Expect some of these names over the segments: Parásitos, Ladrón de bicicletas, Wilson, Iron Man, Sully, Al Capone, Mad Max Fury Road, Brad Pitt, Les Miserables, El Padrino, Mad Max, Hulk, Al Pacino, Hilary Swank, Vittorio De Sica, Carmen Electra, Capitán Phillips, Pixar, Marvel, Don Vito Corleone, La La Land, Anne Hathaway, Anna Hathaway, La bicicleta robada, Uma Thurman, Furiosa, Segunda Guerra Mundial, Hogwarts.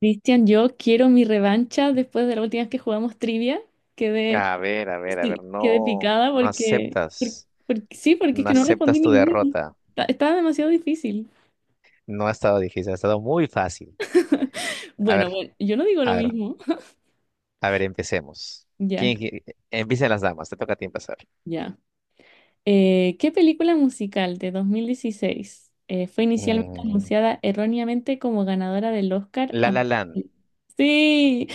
Cristian, yo quiero mi revancha después de la última vez que jugamos trivia. Quedé, A ver, a ver, a sí, ver, quedé no, picada no porque, aceptas, sí, porque es no que no respondí aceptas tu ninguna. derrota. Estaba demasiado difícil. No ha estado difícil, ha estado muy fácil. A Bueno, ver, bueno, yo no digo lo a ver, mismo. a ver, empecemos. Ya, ¿Quién, qui- Empiecen las damas, te toca a ti empezar. ya. ¿Qué película musical de 2016 fue inicialmente Mm, anunciada erróneamente como ganadora del Oscar? La A- La Land, Sí,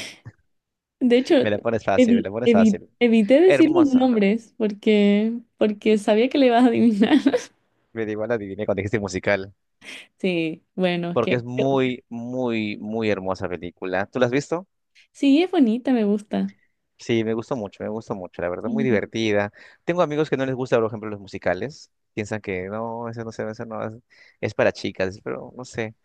de hecho, me la pones fácil, me la pones fácil. evité decir los Hermosa, nombres porque, porque sabía que le ibas a adivinar. me da igual adiviné cuando dijiste musical, Sí, bueno, porque que es muy, muy, muy hermosa película. ¿Tú la has visto? sí, es bonita, me gusta. Sí, me gustó mucho, la verdad, muy Ujú. divertida. Tengo amigos que no les gusta, por ejemplo, los musicales. Piensan que no, eso no es, es para chicas, pero no sé.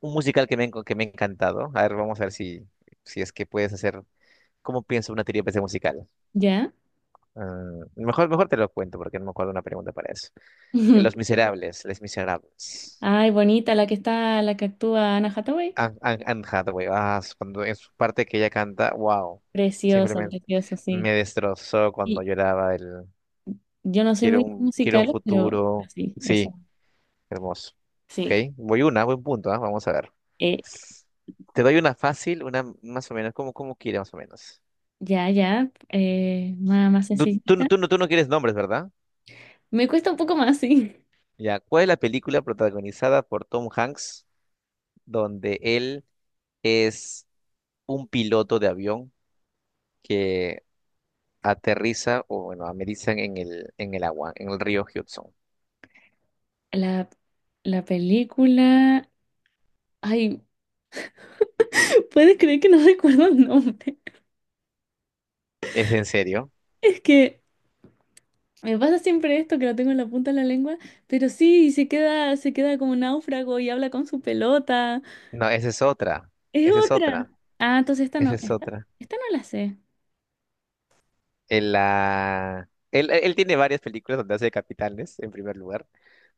Un musical que me ha encantado. A ver, vamos a ver si es que puedes hacer, ¿cómo pienso una teoría de musical? ¿Ya? Ah, mejor te lo cuento porque no me acuerdo una pregunta para eso. Los Miserables, Les Miserables. Ay, bonita la que está, la que actúa Anna Hathaway. Anne Hathaway, cuando en su parte que ella canta, wow, Preciosa, simplemente preciosa, sí. me destrozó cuando Y lloraba. yo no soy Quiero muy un, quiero un musical, pero futuro. sí, esa, Sí, hermoso. Ok, sí. voy una, buen punto, ¿ah? Vamos a ver. Eh, Te doy una fácil, una más o menos, como quiere, más o menos. ya, ya, más, más Tú, tú, no- sencillita. tú, no, tú no quieres nombres, ¿verdad? Me cuesta un poco más, sí. Ya, ¿cuál es la película protagonizada por Tom Hanks donde él es un piloto de avión que aterriza o, bueno, amerizan en el agua, en el río Hudson? La, la película. Ay, ¿puedes creer que no recuerdo el nombre? ¿Es en serio? Es que me pasa siempre esto, que lo tengo en la punta de la lengua, pero sí, se queda como náufrago y habla con su pelota. No, esa es otra. Es Esa es otra. otra. Ah, entonces esta Esa no, es esta, otra. esta no la sé. Él tiene varias películas donde hace de capitanes, en primer lugar.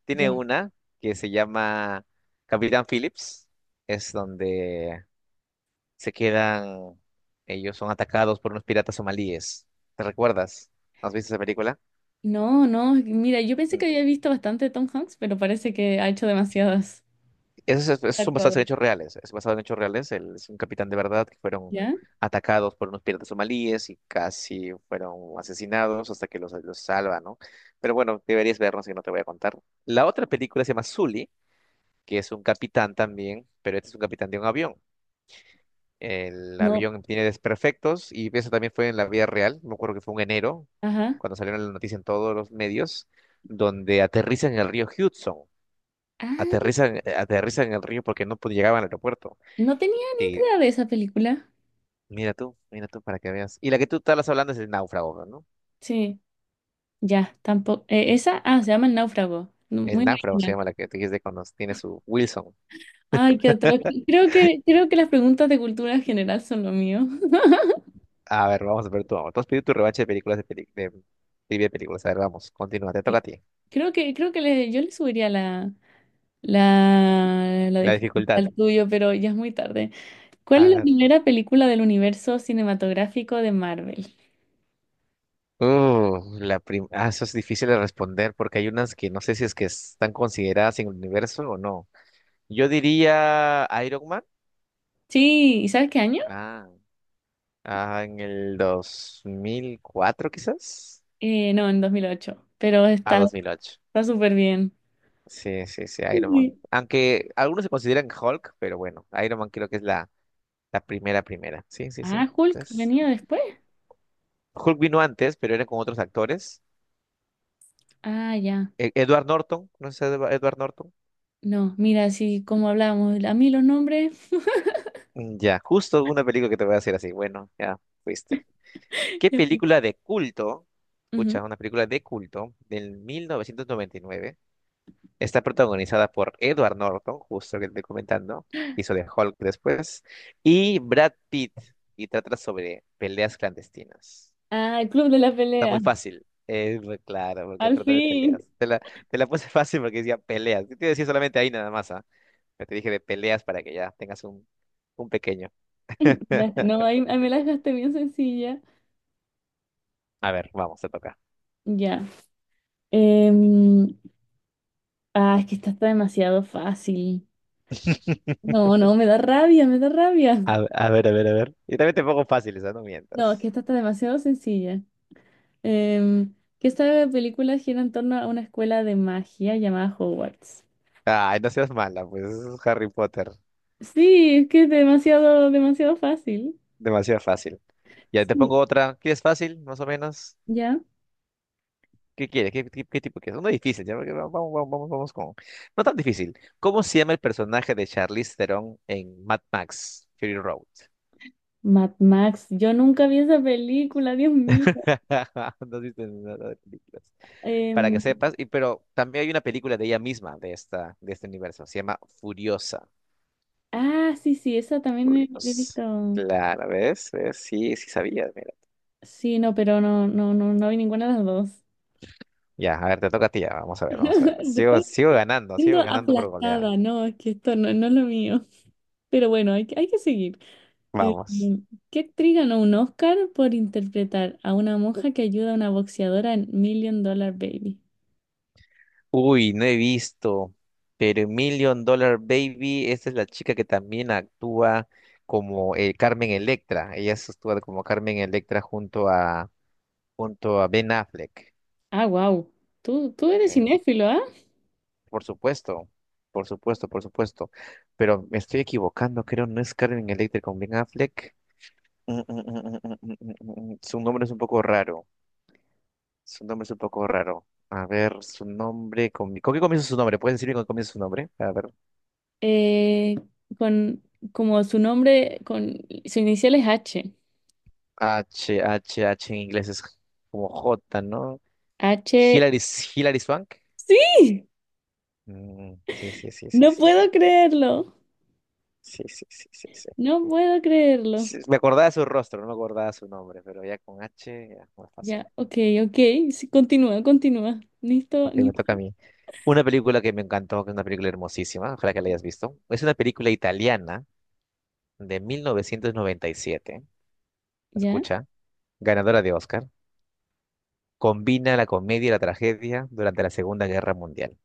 Tiene Ya. una que se llama Capitán Phillips. Es donde se quedan... ellos son atacados por unos piratas somalíes. ¿Te recuerdas? ¿Has visto esa película? No, no, mira, yo pensé que había visto bastante Tom Hanks, pero parece que ha hecho demasiadas. Esos, esos- Ha son basados en actuado. hechos reales. Es basado en hechos reales. Él es un capitán de verdad que fueron ¿Ya? atacados por unos piratas somalíes y casi fueron asesinados hasta que los salva, ¿no? Pero bueno, deberías vernos y no te voy a contar. La otra película se llama Sully, que es un capitán también, pero este es un capitán de un avión. El No, avión tiene desperfectos y eso también fue en la vida real. Me acuerdo que fue en enero, ajá. cuando salieron la noticia en todos los medios, donde aterrizan en el río Hudson. Ah, Aterrizan en el río porque no pod- llegaban al aeropuerto. no tenía ni Sí, idea de esa película. Mira tú para que veas. Y la que tú estabas hablando es el náufrago, ¿no? Sí, ya, tampoco. Esa, ah, se llama El Náufrago. No, El muy náufrago se original. llama la que tú dijiste cuando tiene su Wilson. Ay, qué atroz. Creo que las preguntas de cultura general son lo mío. A ver, vamos a ver tú. Tú has pedido tu revancha de películas de trivia de películas. A ver, vamos, continúa, te Sí. toca a ti. Creo que yo le subiría la La dificultad dificultad. al tuyo, pero ya es muy tarde. ¿Cuál A es la ver. primera película del universo cinematográfico de Marvel? Eso es difícil de responder porque hay unas que no sé si es que están consideradas en el universo o no. Yo diría Iron Man. Sí, ¿y sabes qué año? Ah, en el 2004 quizás. No, en 2008, pero A está, 2008. está súper bien. Sí, sí, sí, Iron Man. Sí. Aunque algunos se consideran Hulk, pero bueno, Iron Man creo que es la primera, primera. Sí, sí, sí. Ah, Hulk Es- venía después. Hulk vino antes, pero era con otros actores. Ah, ya. Edward Norton, ¿no es Edward Norton? No, mira, sí, como hablábamos, a mí los nombres. Ya, justo una película que te voy a hacer así. Bueno, ya fuiste. ¿Qué película de culto? Ujú. Escucha, una película de culto del 1999. Está protagonizada por Edward Norton, justo que te estoy comentando, hizo de Hulk después, y Brad Pitt, y trata sobre peleas clandestinas. Ah, el Club de la Está Pelea, muy fácil, es muy claro, porque al trata de fin. peleas. Te la puse fácil porque decía peleas. Yo te decía solamente ahí nada más, ¿ah? Pero te dije de peleas para que ya tengas un pequeño. Ya, no, ahí, ahí me la dejaste bien sencilla. A ver, vamos, te toca. Ya. Em, ah, es que esta está demasiado fácil. No, no, me da rabia, me da rabia. A ver, a ver, a ver. Y también te pongo fáciles, ¿ah? No No, es mientas. que esta está demasiado sencilla. Em, que esta película gira en torno a una escuela de magia llamada Hogwarts. Ay, no seas mala, pues es Harry Potter, Sí, es que es demasiado, demasiado fácil. demasiado fácil. Ya te pongo Sí. otra. ¿Quieres fácil, más o menos? ¿Ya? ¿Qué quieres? ¿Qué tipo quieres? Uno difícil, ya, porque vamos, vamos, vamos, vamos con. No tan difícil. ¿Cómo se llama el personaje de Charlize Theron en Mad Max Fury Road? Mad Max, yo nunca vi esa película, Dios mío. No viste nada de películas. Para que Em, sepas, pero también hay una película de ella misma, de esta, de este universo. Se llama Furiosa. ah, sí, sí, esa también me he Furiosa. visto. Claro, ¿ves? ¿Ves? Sí, sí sabías, mira. Sí, no, pero no, no, no, no vi ninguna de las dos. Ya, a ver, te toca a ti, ya. Vamos a ver, vamos a ver. Sigo ganando, sigo Siendo ganando por goleada. aplastada, no, es que esto no, no es lo mío. Pero bueno, hay que seguir. Eh, Vamos. ¿Qué actriz ganó un Oscar por interpretar a una monja que ayuda a una boxeadora en Million Dollar Baby? Uy, no he visto, pero Million Dollar Baby, esa es la chica que también actúa como Carmen Electra. Ella se actúa como Carmen Electra junto a Ben Affleck. Ah, wow. Tú eres En- cinéfilo, ¿ah? por supuesto, por supuesto, por supuesto. Pero me estoy equivocando, creo, no es Carmen Electra con Ben Affleck. Mm. Su nombre es un poco raro. Su nombre es un poco raro. A ver, su nombre. ¿Con qué comienza su nombre? ¿Puedes decirme con qué comienza su nombre? Eh, con como su nombre, con su inicial es H. H, H, H en inglés es como J, ¿no? H. Hilary, Hilary Swank. ¡Sí! Mm, sí, sí, sí, sí, No sí. puedo creerlo. Sí, sí, sí, sí, sí. No puedo creerlo. Sí, me acordaba de su rostro, no me acordaba su nombre, pero ya con H ya es más fácil. Ya, ok, ok. Sí, continúa, continúa. Listo, Ok, me toca a listo. mí. Una película que me encantó, que es una película hermosísima, ojalá que la hayas visto. Es una película italiana de 1997, Ya. escucha, ganadora de Oscar. Combina la comedia y la tragedia durante la Segunda Guerra Mundial.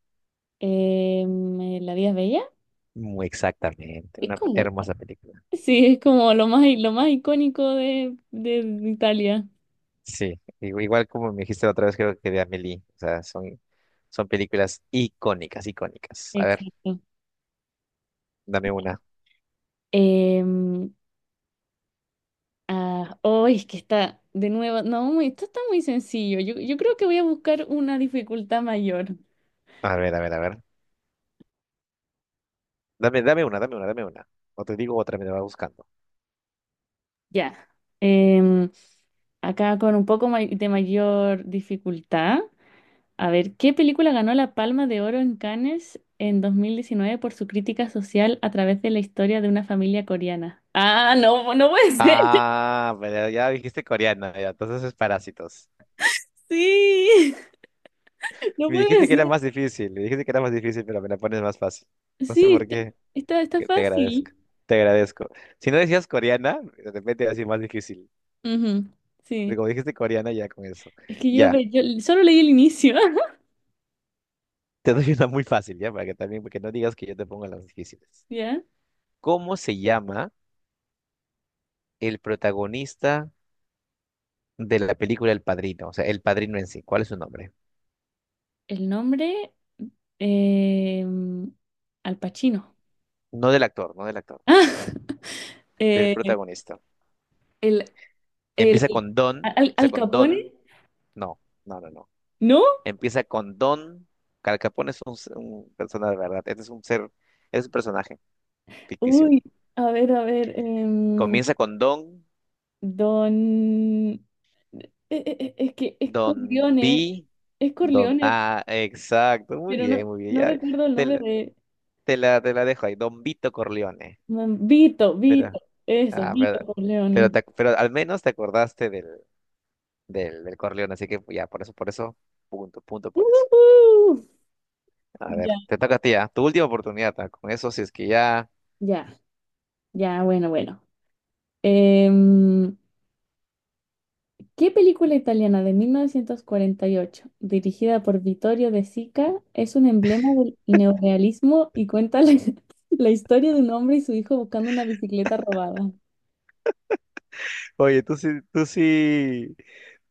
La vida es bella. Muy exactamente, Es una como, hermosa película. sí, es como lo más icónico de Italia. Sí, igual como me dijiste la otra vez, creo que de Amélie. O sea, son películas icónicas, icónicas. A ver, Exacto. dame una. Em, ah, oh, es que está de nuevo. No, esto está muy sencillo. Yo creo que voy a buscar una dificultad mayor. A ver, a ver, a ver. Dame una, dame una, dame una. O te digo otra, me la va buscando. Ya. Em, Acá con un poco may- de mayor dificultad. A ver, ¿qué película ganó la Palma de Oro en Cannes en 2019 por su crítica social a través de la historia de una familia coreana? Ah, no, no puede ser. Ah, pero ya dijiste coreana, ya, entonces es Parásitos. Sí, no Me puede dijiste que era ser. más difícil, me dijiste que era más difícil, pero me la pones más fácil. No sé Sí, por está, qué, está, está que te agradezco, fácil. te agradezco. Si no decías coreana, de repente iba a ser más difícil. Ujú. Pero Sí, como dijiste coreana, ya con eso. es que yo, Ya. Yo solo leí el inicio. Te doy una muy fácil, ya, para que también, porque no digas que yo te pongo las difíciles. ¿Ya? ¿Cómo se llama el protagonista de la película El Padrino? O sea, El Padrino en sí. ¿Cuál es su nombre? El nombre, eh, Al Pacino. No del actor, no del actor, Ah, del eh, protagonista. el, el, Empieza con Don, Al, empieza Al con Capone, Don. No, no, no, no. ¿no? Empieza con Don. Al Capone es un persona de verdad. Este es un personaje ficticio. Uy, a ver, Comienza con Don, Don... Es que es Don Corleone, B, es Don Corleone, A. Exacto, muy pero bien, no, muy bien. no Ya, recuerdo el nombre te- de... te la dejo ahí, Don Vito Corleone. mm, Vito, Vito, Pero, eso, ah, Vito pero, pero, Corleone. te ac- pero al menos te acordaste del, Corleone, así que ya, por eso, punto, punto por eso. ¡Ujú! A Ya, ver, te toca a ti, ah, tu última oportunidad, ah, con eso, si es que ya. ya, ya, bueno, bueno. Em, ¿Qué película italiana de 1948 dirigida por Vittorio De Sica, es un emblema del neorealismo y cuenta la la historia de un hombre y su hijo buscando una bicicleta robada? Oye, tú sí, tú sí,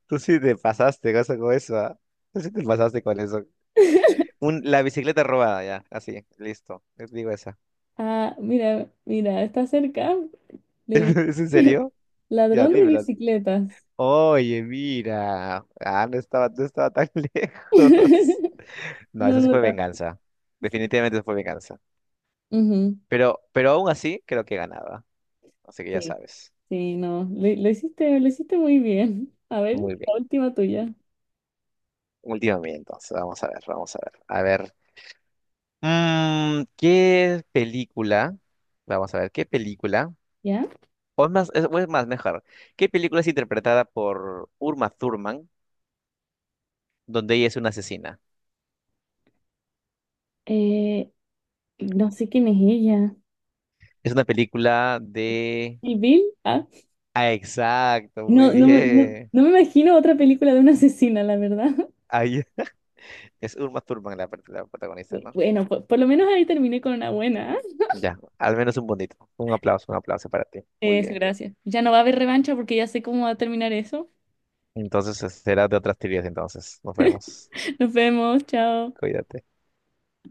tú sí te pasaste cosa con eso, ah. Tú sí te pasaste con eso. La bicicleta robada, ya, así, listo. Les digo esa. Ah, mira, mira, está cerca. Le- ¿Es en serio? Ya, Ladrón de dímela. bicicletas. Oye, mira. Ah, no estaba tan lejos. No, No, eso sí no fue está. venganza. Definitivamente eso fue venganza. Ujú. Pero aún así creo que ganaba. Así que ya Sí, sabes. sí, no. Lo hiciste muy bien. A ver, Muy la bien. última tuya. Última mía entonces. Vamos a ver, vamos a ver. A ver. ¿Qué película? Vamos a ver, ¿qué película? ¿Ya? O es más, o es más, mejor. ¿Qué película es interpretada por Uma Thurman, donde ella es una asesina? Eh, no sé quién es ella. Es una película de. ¿Y Bill? Ah, Ah, exacto, muy no, no, no, bien. no me imagino otra película de una asesina, la verdad. Ahí es Uma Thurman la protagonista, ¿no? Bueno, por lo menos ahí terminé con una buena. ¿Ah? Ya, al menos un bonito. Un aplauso para ti. Muy Eso, bien. gracias. Ya no va a haber revancha porque ya sé cómo va a terminar eso. Entonces, será de otras teorías entonces. Nos vemos. Nos vemos, chao. Cuídate.